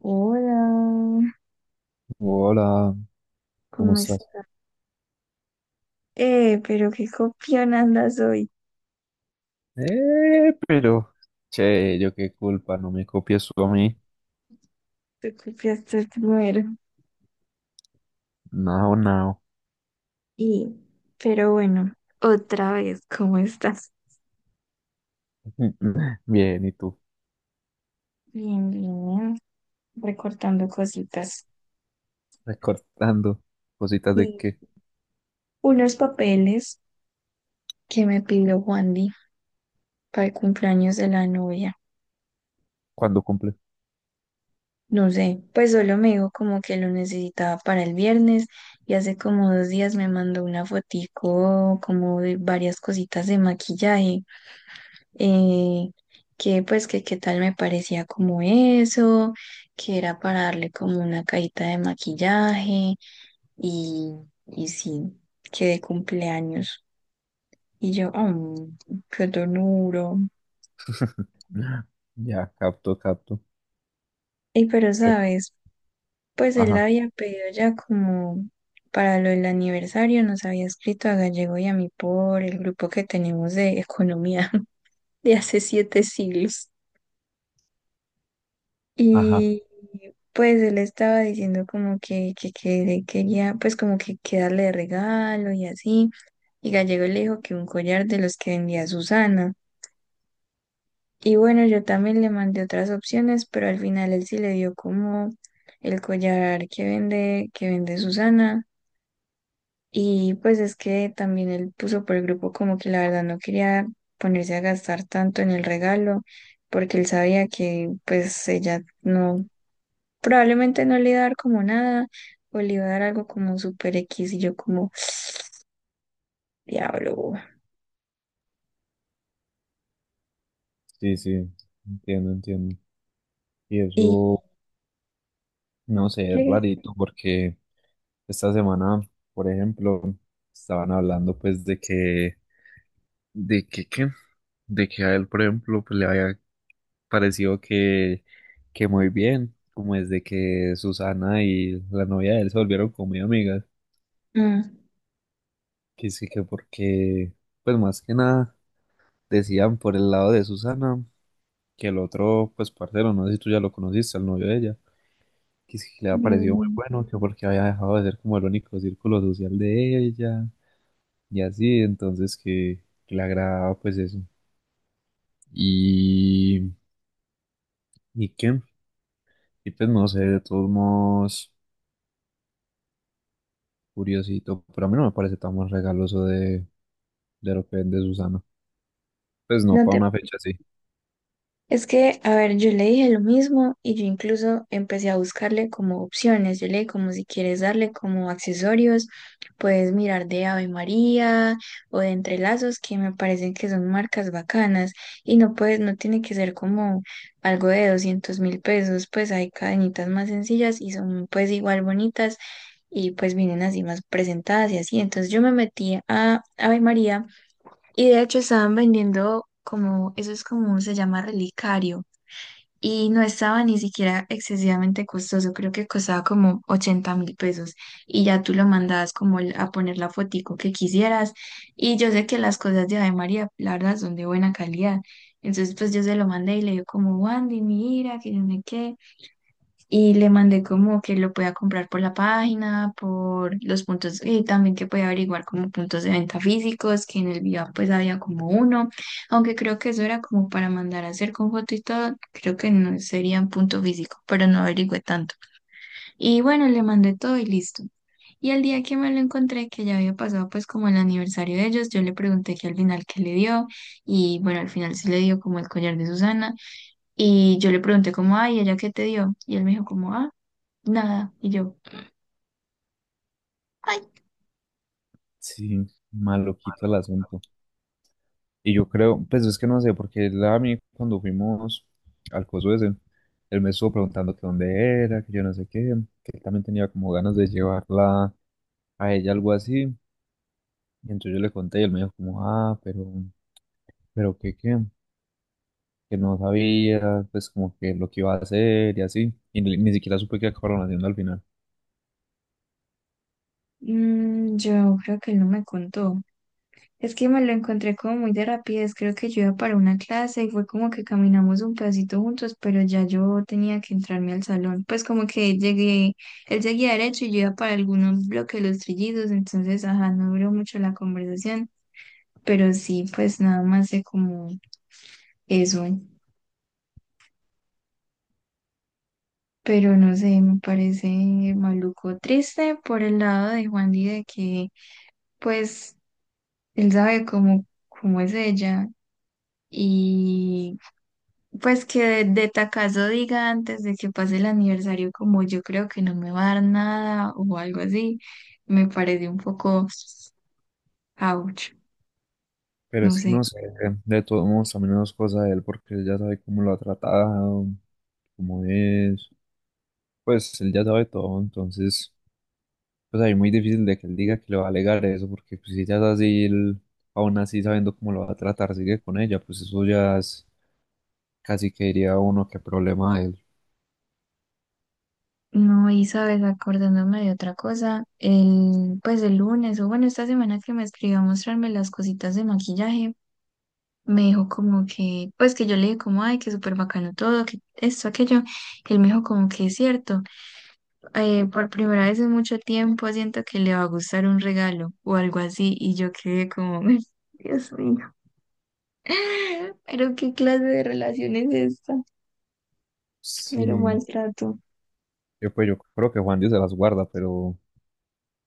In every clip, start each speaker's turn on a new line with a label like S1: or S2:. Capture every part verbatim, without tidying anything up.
S1: Hola,
S2: Hola, ¿cómo
S1: ¿cómo
S2: estás?
S1: estás? Eh, pero qué copión andas hoy.
S2: Eh, pero, che, yo qué culpa, no me copies tú a mí.
S1: Tú copiaste primero.
S2: No, no.
S1: Y, pero bueno, otra vez, ¿cómo estás?
S2: Bien, ¿y tú?
S1: Bien, bien, recortando cositas.
S2: Recortando cositas de
S1: Y
S2: que
S1: unos papeles que me pidió Juandi para el cumpleaños de la novia.
S2: cuando cumple.
S1: No sé, pues solo me dijo como que lo necesitaba para el viernes y hace como dos días me mandó una fotico como de varias cositas de maquillaje. eh, que pues que qué tal me parecía como eso, que era para darle como una cajita de maquillaje y, y sí, que de cumpleaños. Y yo, "Mm, qué ternuro.
S2: Ya, capto, capto.
S1: Y pero
S2: Creo-
S1: sabes, pues él
S2: Ajá,
S1: había pedido ya como para lo del aniversario, nos había escrito a Gallego y a mí por el grupo que tenemos de economía de hace siete siglos.
S2: ajá.
S1: Y pues él estaba diciendo como que, que, que le quería, pues como que, que darle de regalo y así. Y Gallego le dijo que un collar de los que vendía Susana. Y bueno, yo también le mandé otras opciones, pero al final él sí le dio como el collar que vende, que vende Susana. Y pues es que también él puso por el grupo como que la verdad no quería ponerse a gastar tanto en el regalo, porque él sabía que pues ella no. Probablemente no le iba a dar como nada o le iba a dar algo como super X y yo como diablo.
S2: Sí, sí, entiendo, entiendo. Y
S1: Y
S2: eso, no sé, es
S1: llegué.
S2: rarito porque esta semana, por ejemplo, estaban hablando pues de que, de que, ¿qué? De que a él, por ejemplo, pues le había pareció que, que muy bien, como desde que Susana y la novia de él se volvieron como muy amigas,
S1: Mm,
S2: que sí que porque, pues más que nada, decían por el lado de Susana que el otro, pues parcero, no sé si tú ya lo conociste, el novio de ella, que sí que le había parecido muy
S1: mm,
S2: bueno, que porque había dejado de ser como el único círculo social de ella, y así, entonces que, que, le agradaba pues eso. Y, ¿Y qué? Y pues no sé, de todos modos. Curiosito, pero a mí no me parece tan más regaloso de, de lo que vende Susana. Pues no,
S1: no
S2: para
S1: te.
S2: una fecha así.
S1: Es que, a ver, yo le dije lo mismo y yo incluso empecé a buscarle como opciones. Yo le dije como si quieres darle como accesorios, puedes mirar de Ave María o de Entrelazos, que me parecen que son marcas bacanas y no puedes, no tiene que ser como algo de doscientos mil pesos, pues hay cadenitas más sencillas y son pues igual bonitas y pues vienen así más presentadas y así. Entonces yo me metí a Ave María y de hecho estaban vendiendo como, eso es como, se llama relicario. Y no estaba ni siquiera excesivamente costoso, creo que costaba como ochenta mil pesos. Y ya tú lo mandabas como el- a poner la fotico que quisieras. Y yo sé que las cosas de Ave María, la verdad, son de buena calidad. Entonces pues yo se lo mandé y le digo como, Wandy, mira, que yo no sé qué. Y le mandé como que lo pueda comprar por la página, por los puntos, y también que pueda averiguar como puntos de venta físicos, que en el Viva pues había como uno, aunque creo que eso era como para mandar a hacer con foto y todo, creo que no sería un punto físico, pero no averigüé tanto. Y bueno, le mandé todo y listo. Y al día que me lo encontré, que ya había pasado pues como el aniversario de ellos, yo le pregunté que al final qué le dio, y bueno, al final sí le dio como el collar de Susana, y yo le pregunté como, ay, ¿ella qué te dio? Y él me dijo como, ah. Nada. Y yo, ay,
S2: Sí, maloquito el asunto. Y yo creo, pues es que no sé, porque él a mí cuando fuimos al coso ese, él me estuvo preguntando que dónde era, que yo no sé qué, que él también tenía como ganas de llevarla a ella, algo así. Y entonces yo le conté y él me dijo como, ah, pero, pero qué, qué, que no sabía, pues como que lo que iba a hacer y así. Y ni, ni siquiera supe qué acabaron haciendo al final.
S1: mm, yo creo que él no me contó. Es que me lo encontré como muy de rapidez. Creo que yo iba para una clase y fue como que caminamos un pedacito juntos, pero ya yo tenía que entrarme al salón. Pues como que llegué, él seguía derecho y yo iba para algunos bloques de los trillidos, entonces, ajá, no duró mucho la conversación. Pero sí, pues nada más sé como eso. Pero no sé, me parece maluco triste por el lado de Juan y de que, pues. Él sabe cómo, cómo es ella. Y pues que de, de tacazo diga antes de que pase el aniversario, como yo creo que no me va a dar nada o algo así, me parece un poco ouch,
S2: Pero
S1: no
S2: es que no
S1: sé.
S2: sé, de todos modos también no es cosa de él porque él ya sabe cómo lo ha tratado, cómo es, pues él ya sabe todo, entonces pues ahí es muy difícil de que él diga que le va a alegar eso porque pues, si ella es así, él, aún así sabiendo cómo lo va a tratar, sigue con ella, pues eso ya es casi que diría uno que problema de él.
S1: No, y sabes, acordándome de otra cosa, el, pues el lunes o bueno, esta semana que me escribió a mostrarme las cositas de maquillaje, me dijo como que, pues que yo le dije como, ay, que súper bacano todo, que esto, aquello, él me dijo como que es cierto. Eh, por primera vez en mucho tiempo siento que le va a gustar un regalo o algo así y yo quedé como, Dios mío, pero qué clase de relación es esta, pero
S2: Sí,
S1: maltrato.
S2: yo pues yo creo que Juan Dios se las guarda, pero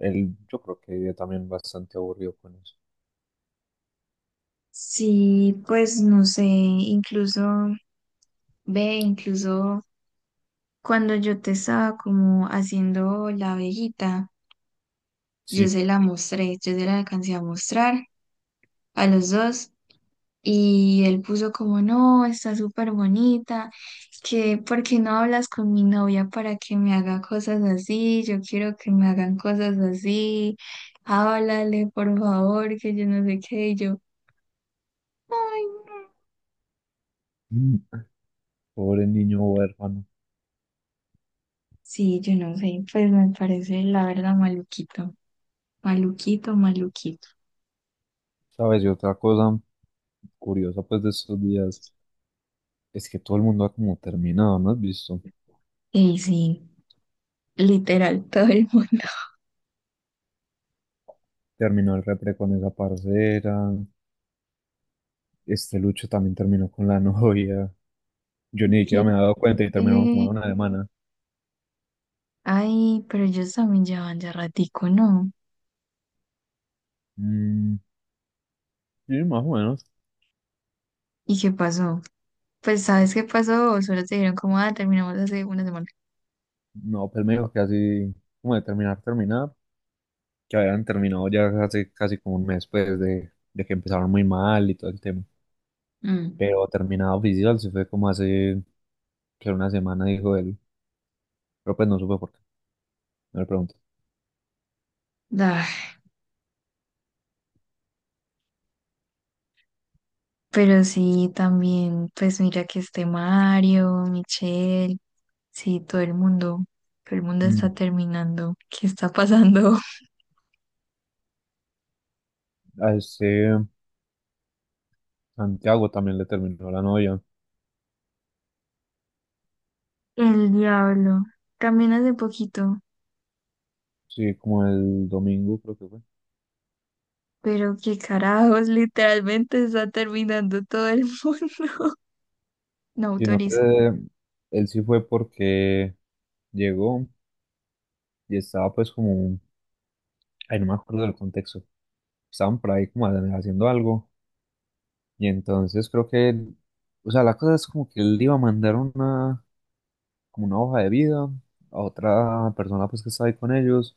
S2: él yo creo que vive también bastante aburrido con eso.
S1: Sí, pues no sé, incluso, ve, incluso cuando yo te estaba como haciendo la abejita, yo
S2: Sí,
S1: se la mostré, yo se la alcancé a mostrar a los dos. Y él puso como, no, está súper bonita, que por qué no hablas con mi novia para que me haga cosas así, yo quiero que me hagan cosas así, háblale por favor, que yo no sé qué, y yo, ay, no.
S2: Mm, pobre niño huérfano.
S1: Sí, yo no sé, pues me parece la verdad maluquito, maluquito, maluquito.
S2: ¿Sabes? Y otra cosa. Curiosa pues de estos días es que todo el mundo ha como terminado, ¿no has visto?
S1: Y sí, literal, todo el mundo.
S2: Terminó el repre con esa parcera, este Lucho también terminó con la novia, yo ni siquiera me había dado cuenta y terminaron como
S1: quiere-
S2: de una semana.
S1: Ay, pero ellos también llevan ya ratico, ¿no?
S2: Mm, sí, más o menos.
S1: ¿Y qué pasó? Pues, ¿sabes qué pasó? Solo te dijeron como, ah, terminamos hace una semana.
S2: No, pues me dijo que así, como de terminar, terminar, que habían terminado ya hace casi como un mes pues de, de, que empezaron muy mal y todo el tema.
S1: Mm,
S2: Pero terminado oficial se fue como hace que una semana, dijo él, pero pues no supe por qué, no le pregunté.
S1: ah. Pero sí, también, pues mira que este Mario, Michelle, sí, todo el mundo, todo el mundo
S2: Mm,
S1: está terminando. ¿Qué está pasando?
S2: a este Santiago también le terminó la novia.
S1: El diablo. También hace poquito,
S2: Sí, como el domingo creo que fue.
S1: pero qué carajos, literalmente está terminando todo el mundo. No
S2: Sino
S1: autorizo.
S2: que él sí fue porque llegó y estaba pues como, ay, no me acuerdo del contexto. Estaban por ahí como haciendo algo. Y entonces creo que, o sea, la cosa es como que él iba a mandar una, como una hoja de vida a otra persona pues que estaba ahí con ellos.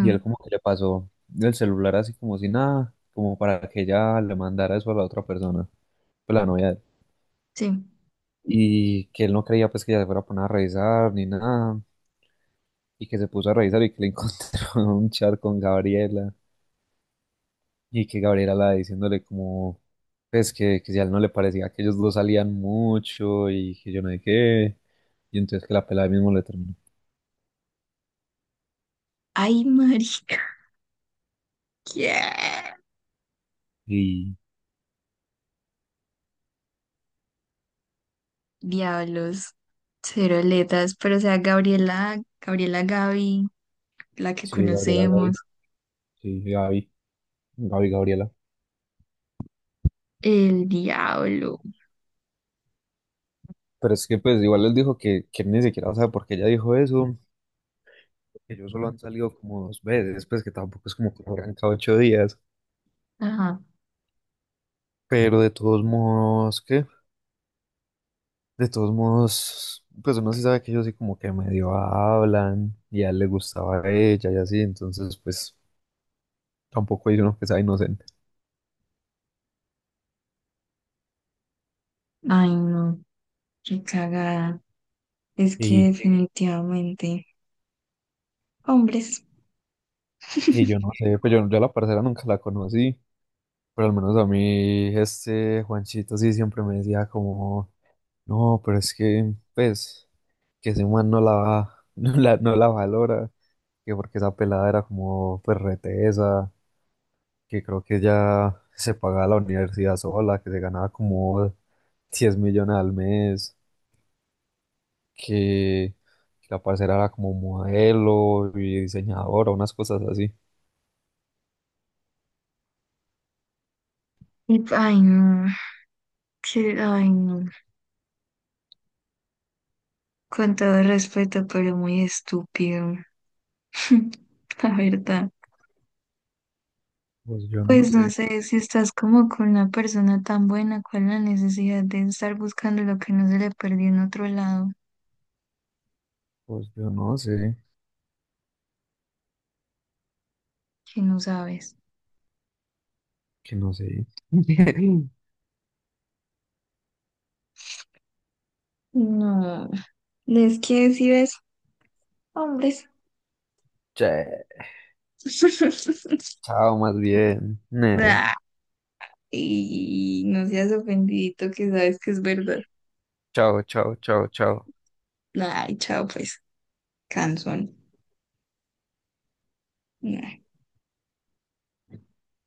S2: Y él como que le pasó el celular así como si nada, como para que ella le mandara eso a la otra persona, pues la novia de él.
S1: sí.
S2: Y que él no creía pues que ella se fuera a poner a revisar ni nada, y que se puso a revisar y que le encontró un chat con Gabriela, y que Gabriela la diciéndole como, pues que, que, si a él no le parecía que ellos dos salían mucho y que yo no sé qué, y entonces que la pelada mismo le terminó.
S1: Ay, marica. ¿Qué?
S2: Y
S1: Diablos, cero aletas, pero o sea, Gabriela, Gabriela Gaby, la que
S2: sí, Gabriela, Gaby,
S1: conocemos,
S2: sí, Gaby, Gaby, Gabriela.
S1: el diablo.
S2: Pero es que pues igual él dijo que, que él ni siquiera sabe por qué ella dijo eso, que ellos solo han salido como dos veces, pues que tampoco es como que arranca ocho días.
S1: Ajá.
S2: Pero de todos modos, ¿qué? De todos modos, pues uno sí sabe que ellos sí como que medio hablan y a él le gustaba a ella y así, entonces pues tampoco hay uno que sea inocente.
S1: Ay, no, qué cagada. Es que
S2: Y,
S1: definitivamente, hombres.
S2: y yo no sé, pues yo, yo a la parcera nunca la conocí, pero al menos a mí este Juanchito sí siempre me decía como, no, pero es que pues que ese man no la, va- no la, no la valora, que porque esa pelada era como pues retesa que creo que ya se pagaba la universidad sola, que se ganaba como diez millones al mes, que, que, la parcera era como modelo y diseñadora, unas cosas así.
S1: Y, ay, no, que, ay, no. Con todo respeto, pero muy estúpido. La verdad.
S2: Pues yo no
S1: Pues no
S2: sé,
S1: sé, si estás como con una persona tan buena, ¿cuál es la necesidad de estar buscando lo que no se le perdió en otro lado
S2: pues yo no sé.
S1: que no sabes?
S2: Que no sé.
S1: No, es que si ves hombres.
S2: Che, chao, más bien. Ne,
S1: Ay, no seas ofendidito que sabes que es verdad.
S2: chao, chao, chao, chao.
S1: Ay, chao pues, cansón. Ay.